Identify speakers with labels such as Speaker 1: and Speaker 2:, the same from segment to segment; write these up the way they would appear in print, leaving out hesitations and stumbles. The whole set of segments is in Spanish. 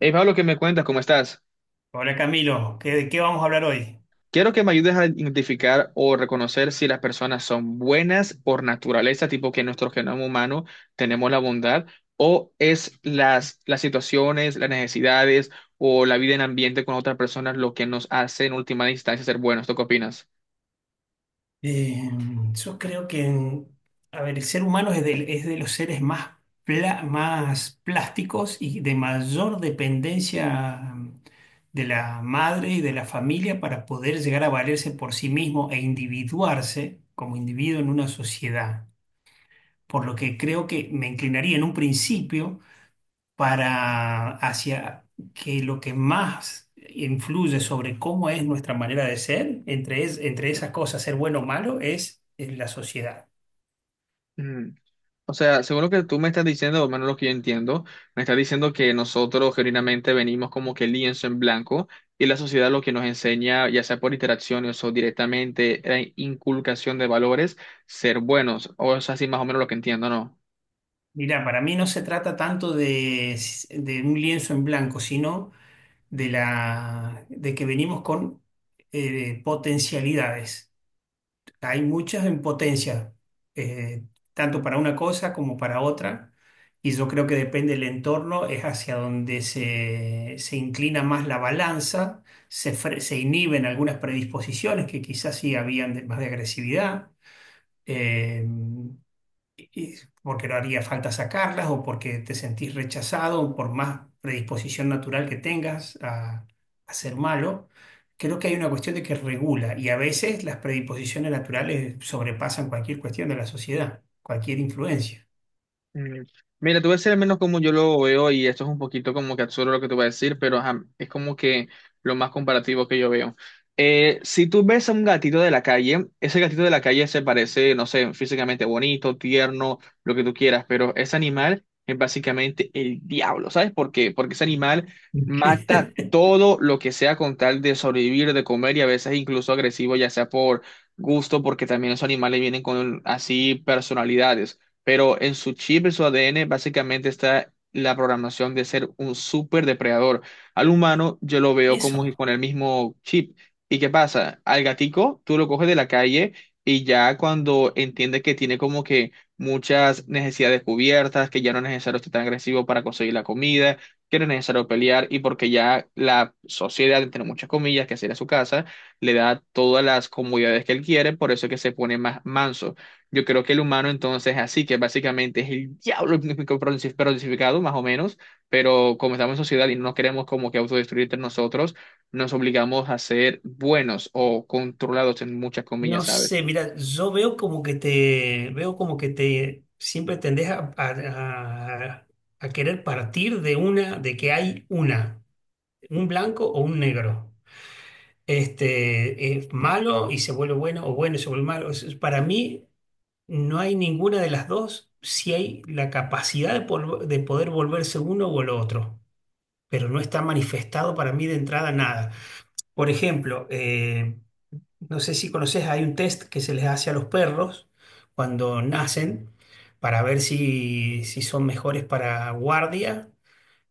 Speaker 1: Hey Pablo, ¿qué me cuentas? ¿Cómo estás?
Speaker 2: Hola Camilo, ¿qué- ¿de qué vamos a hablar hoy?
Speaker 1: Quiero que me ayudes a identificar o reconocer si las personas son buenas por naturaleza, tipo que en nuestro genoma humano tenemos la bondad, o es las situaciones, las necesidades o la vida en ambiente con otras personas lo que nos hace en última instancia ser buenos. ¿Tú qué opinas?
Speaker 2: Eh, yo creo que, a ver, el ser humano es de los seres más, pla- más plásticos y de mayor dependencia de la madre y de la familia para poder llegar a valerse por sí mismo e individuarse como individuo en una sociedad. Por lo que creo que me inclinaría en un principio para hacia que lo que más influye sobre cómo es nuestra manera de ser, entre, es- entre esas cosas, ser bueno o malo, es la sociedad.
Speaker 1: Mm. O sea, según lo que tú me estás diciendo, o menos lo que yo entiendo, me estás diciendo que nosotros genuinamente venimos como que lienzo en blanco y la sociedad lo que nos enseña, ya sea por interacciones o directamente la inculcación de valores, ser buenos. O es así más o menos lo que entiendo, ¿no?
Speaker 2: Mira, para mí no se trata tanto de un lienzo en blanco, sino de la, de que venimos con potencialidades. Hay muchas en potencia, eh, tanto para una cosa como para otra, y yo creo que depende del entorno, es hacia donde se inclina más la balanza, se, fre- se inhiben algunas predisposiciones que quizás sí habían de- más de agresividad. Eh, y- porque no haría falta sacarlas o porque te sentís rechazado o por más predisposición natural que tengas a ser malo, creo que hay una cuestión de que regula y a veces las predisposiciones naturales sobrepasan cualquier cuestión de la sociedad, cualquier influencia.
Speaker 1: Mm, mira, te voy a decir al menos como yo lo veo y esto es un poquito como que absurdo lo que te voy a decir, pero ajá, es como que lo más comparativo que yo veo. Si tú ves a un gatito de la calle, ese gatito de la calle se parece, no sé, físicamente bonito, tierno, lo que tú quieras, pero ese animal es básicamente el diablo, ¿sabes por qué? Porque ese animal mata todo lo que sea con tal de sobrevivir, de comer y a veces incluso agresivo, ya sea por gusto, porque también esos animales vienen con así personalidades, pero en su chip, en su ADN, básicamente está la programación de ser un super depredador. Al humano yo lo veo como si
Speaker 2: Eso,
Speaker 1: con el mismo chip. ¿Y qué pasa? Al gatico tú lo coges de la calle y ya cuando entiende que tiene como que muchas necesidades cubiertas, que ya no es necesario estar tan agresivo para conseguir la comida, que no es necesario pelear y porque ya la sociedad, entre muchas comillas, que sería su casa, le da todas las comodidades que él quiere, por eso es que se pone más manso. Yo creo que el humano entonces es así, que básicamente es el diablo crucificado, más o menos, pero como estamos en sociedad y no nos queremos como que autodestruir entre nosotros, nos obligamos a ser buenos o controlados en muchas comillas,
Speaker 2: no
Speaker 1: ¿sabes?
Speaker 2: sé, mira, yo veo como que te, veo como que te, siempre tendés a- a querer partir de una, de que hay una, un blanco o un negro. Este, es malo y se vuelve bueno, o bueno y se vuelve malo. Es- para mí no hay ninguna de las dos si hay la capacidad de, polvo- de poder volverse uno o el otro, pero no está manifestado para mí de entrada nada. Por ejemplo, no sé si conoces, hay un test que se les hace a los perros cuando nacen para ver si, si son mejores para guardia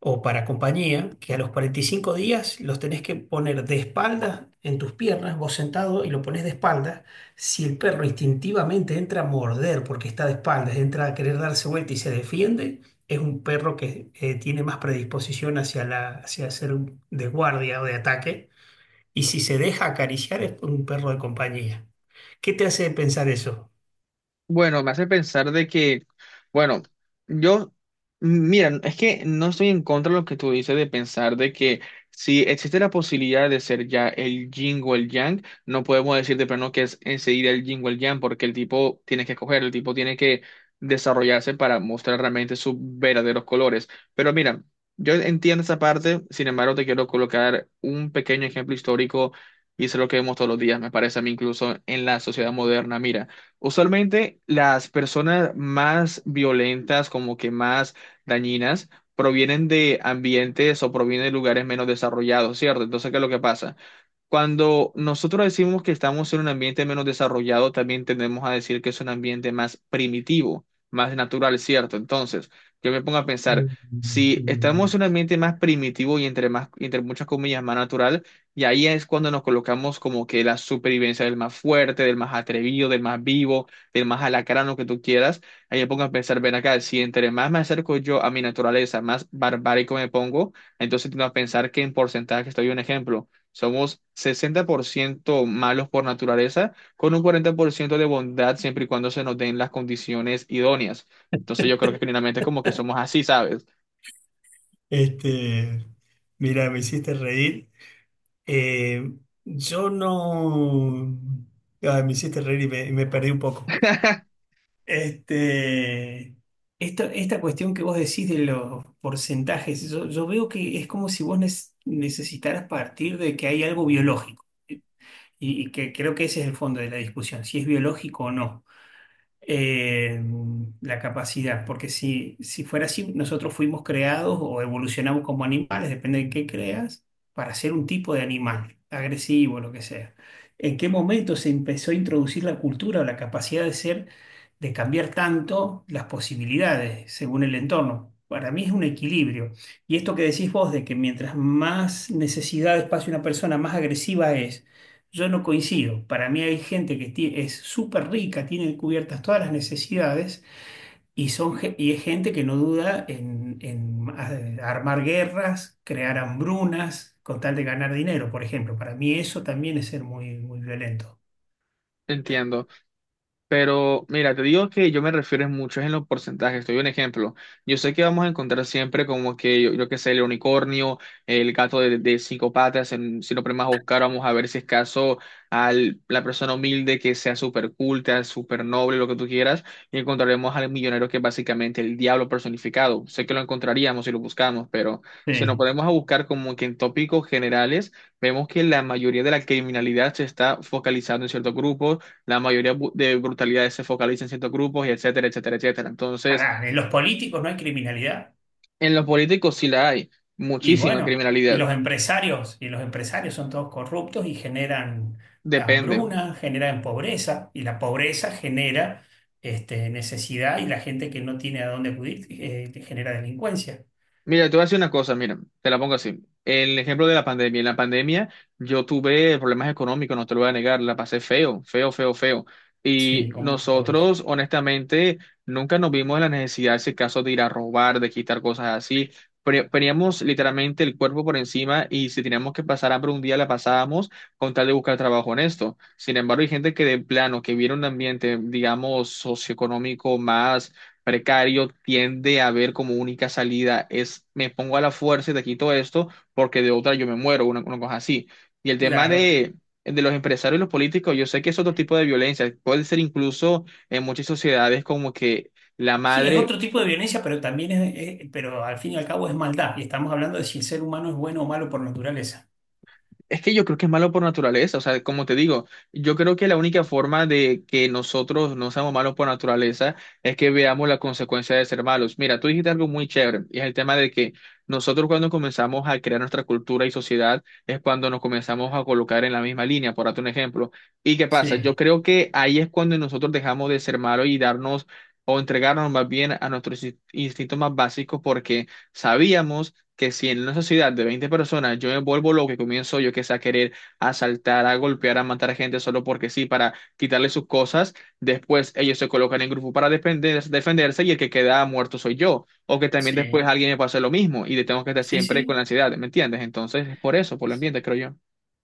Speaker 2: o para compañía, que a los 45 días los tenés que poner de espaldas en tus piernas, vos sentado y lo pones de espaldas. Si el perro instintivamente entra a morder porque está de espaldas, entra a querer darse vuelta y se defiende, es un perro que tiene más predisposición hacia la, hacia ser un- de guardia o de ataque. Y si se deja acariciar es un perro de compañía. ¿Qué te hace pensar eso?
Speaker 1: Bueno, me hace pensar de que, bueno, yo, mira, es que no estoy en contra de lo que tú dices de pensar de que si existe la posibilidad de ser ya el yin o el yang, no podemos decir de plano que es enseguida el yin o el yang, porque el tipo tiene que escoger, el tipo tiene que desarrollarse para mostrar realmente sus verdaderos colores. Pero mira, yo entiendo esa parte, sin embargo, te quiero colocar un pequeño ejemplo histórico y eso es lo que vemos todos los días, me parece a mí incluso en la sociedad moderna. Mira. Usualmente las personas más violentas, como que más dañinas, provienen de ambientes o provienen de lugares menos desarrollados, ¿cierto? Entonces, ¿qué es lo que pasa? Cuando nosotros decimos que estamos en un ambiente menos desarrollado, también tendemos a decir que es un ambiente más primitivo, más natural, ¿cierto? Entonces, yo me pongo a pensar,
Speaker 2: Mm,
Speaker 1: si estamos
Speaker 2: mm.
Speaker 1: en un ambiente más primitivo y entre más, entre muchas comillas, más natural, y ahí es cuando nos colocamos como que la supervivencia del más fuerte, del más atrevido, del más vivo, del más alacrán, lo que tú quieras, ahí me pongo a pensar, ven acá, si entre más me acerco yo a mi naturaleza, más barbárico me pongo, entonces tengo a pensar que en porcentaje estoy un ejemplo somos 60% malos por naturaleza, con un 40% de bondad siempre y cuando se nos den las condiciones idóneas. Entonces yo creo que generalmente como que somos así, ¿sabes?
Speaker 2: Este, mira, me hiciste reír. Eh, yo no... Ay, me hiciste reír y me perdí un poco. Este, esta cuestión que vos decís de los porcentajes, yo veo que es como si vos nes- necesitaras partir de que hay algo biológico. Y que creo que ese es el fondo de la discusión, si es biológico o no eh, la capacidad, porque si, si fuera así, nosotros fuimos creados o evolucionamos como animales, depende de qué creas, para ser un tipo de animal, agresivo, lo que sea. ¿En qué momento se empezó a introducir la cultura o la capacidad de ser, de cambiar tanto las posibilidades según el entorno? Para mí es un equilibrio. Y esto que decís vos, de que mientras más necesidad de espacio una persona, más agresiva es, yo no coincido. Para mí hay gente que ti- es súper rica, tiene cubiertas todas las necesidades y, son, ge- y es gente que no duda en a- armar guerras, crear hambrunas con tal de ganar dinero, por ejemplo. Para mí eso también es ser muy, muy violento.
Speaker 1: Entiendo. Pero mira, te digo que yo me refiero es mucho es en los porcentajes. Te doy un ejemplo. Yo sé que vamos a encontrar siempre como que, yo qué sé, el unicornio, el gato de cinco patas. Si lo ponemos a buscar, vamos a ver si es caso a la persona humilde que sea súper culta, súper noble, lo que tú quieras. Y encontraremos al millonero que es básicamente el diablo personificado. Sé que lo encontraríamos si lo buscamos, pero si nos
Speaker 2: Sí.
Speaker 1: ponemos a buscar como que en tópicos generales, vemos que la mayoría de la criminalidad se está focalizando en ciertos grupos, la mayoría de brutalidades se focalizan en ciertos grupos y etcétera, etcétera, etcétera. Entonces,
Speaker 2: Pará, en los políticos no hay criminalidad.
Speaker 1: en los políticos sí la hay,
Speaker 2: Y
Speaker 1: muchísima
Speaker 2: bueno,
Speaker 1: criminalidad.
Speaker 2: y los empresarios son todos corruptos y generan
Speaker 1: Depende.
Speaker 2: hambruna, generan pobreza, y la pobreza genera este, necesidad y la gente que no tiene a dónde acudir genera delincuencia.
Speaker 1: Mira, te voy a decir una cosa, mira, te la pongo así. El ejemplo de la pandemia. En la pandemia yo tuve problemas económicos, no te lo voy a negar, la pasé feo, feo, feo, feo. Y
Speaker 2: Sí, como todos.
Speaker 1: nosotros, honestamente, nunca nos vimos en la necesidad, ese caso, de ir a robar, de quitar cosas así. Poníamos literalmente el cuerpo por encima y si teníamos que pasar hambre un día, la pasábamos con tal de buscar trabajo honesto. Sin embargo, hay gente que de plano, que viene un ambiente, digamos, socioeconómico más precario, tiende a ver como única salida es me pongo a la fuerza y te quito esto porque de otra yo me muero, una cosa así. Y el tema
Speaker 2: Claro.
Speaker 1: de los empresarios y los políticos, yo sé que es otro tipo de violencia, puede ser incluso en muchas sociedades como que la
Speaker 2: Sí, es
Speaker 1: madre.
Speaker 2: otro tipo de violencia, pero también es- pero al fin y al cabo es maldad. Y estamos hablando de si el ser humano es bueno o malo por naturaleza.
Speaker 1: Es que yo creo que es malo por naturaleza, o sea, como te digo, yo creo que la única forma de que nosotros no seamos malos por naturaleza es que veamos la consecuencia de ser malos. Mira, tú dijiste algo muy chévere, y es el tema de que nosotros cuando comenzamos a crear nuestra cultura y sociedad es cuando nos comenzamos a colocar en la misma línea, por darte un ejemplo. ¿Y qué pasa? Yo
Speaker 2: Sí,
Speaker 1: creo que ahí es cuando nosotros dejamos de ser malos y darnos... o entregarnos más bien a nuestros instintos más básicos porque sabíamos que si en una sociedad de 20 personas yo me vuelvo loco y comienzo yo que sé a querer asaltar, a golpear, a matar a gente solo porque sí, para quitarle sus cosas, después ellos se colocan en grupo para defenderse y el que queda muerto soy yo, o que también después
Speaker 2: sí,
Speaker 1: alguien me pase lo mismo y le tengo que estar
Speaker 2: sí,
Speaker 1: siempre con la
Speaker 2: sí.
Speaker 1: ansiedad, ¿me entiendes? Entonces es por eso, por el ambiente, creo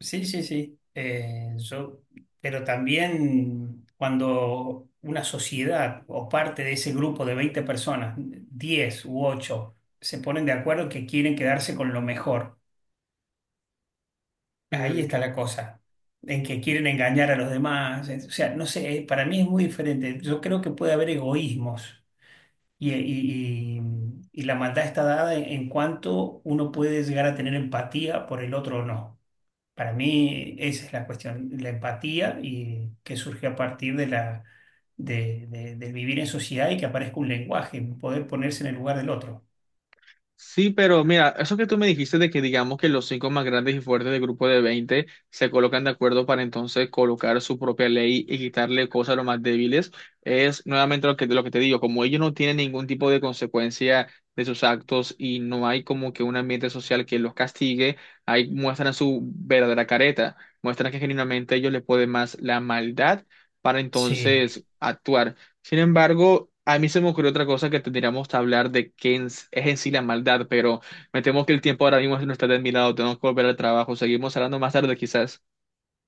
Speaker 2: Sí, sí, sí. Pero también cuando una sociedad o parte de ese grupo de 20 personas, 10 u 8 se ponen de acuerdo que quieren quedarse con lo mejor, ahí
Speaker 1: yo.
Speaker 2: está la cosa, en que quieren engañar a los demás. O sea, no sé, para mí es muy diferente. Yo creo que puede haber egoísmos y, y- y- y la maldad está dada en cuanto uno puede llegar a tener empatía por el otro o no. Para mí esa es la cuestión, la empatía y que surge a partir de la, de- del vivir en sociedad y que aparezca un lenguaje, poder ponerse en el lugar del otro.
Speaker 1: Sí, pero mira, eso que tú me dijiste de que digamos que los cinco más grandes y fuertes del grupo de 20 se colocan de acuerdo para entonces colocar su propia ley y quitarle cosas a los más débiles, es nuevamente lo que te digo, como ellos no tienen ningún tipo de consecuencia de sus actos y no hay como que un ambiente social que los castigue, ahí muestran su verdadera careta, muestran que genuinamente a ellos les puede más la maldad para
Speaker 2: Sí,
Speaker 1: entonces actuar. Sin embargo, a mí se me ocurrió otra cosa que tendríamos que hablar de qué es en sí la maldad, pero me temo que el tiempo ahora mismo no está de mi lado, tengo que volver al trabajo, seguimos hablando más tarde quizás.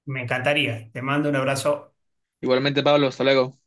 Speaker 2: me encantaría. Te mando un abrazo.
Speaker 1: Igualmente, Pablo, hasta luego.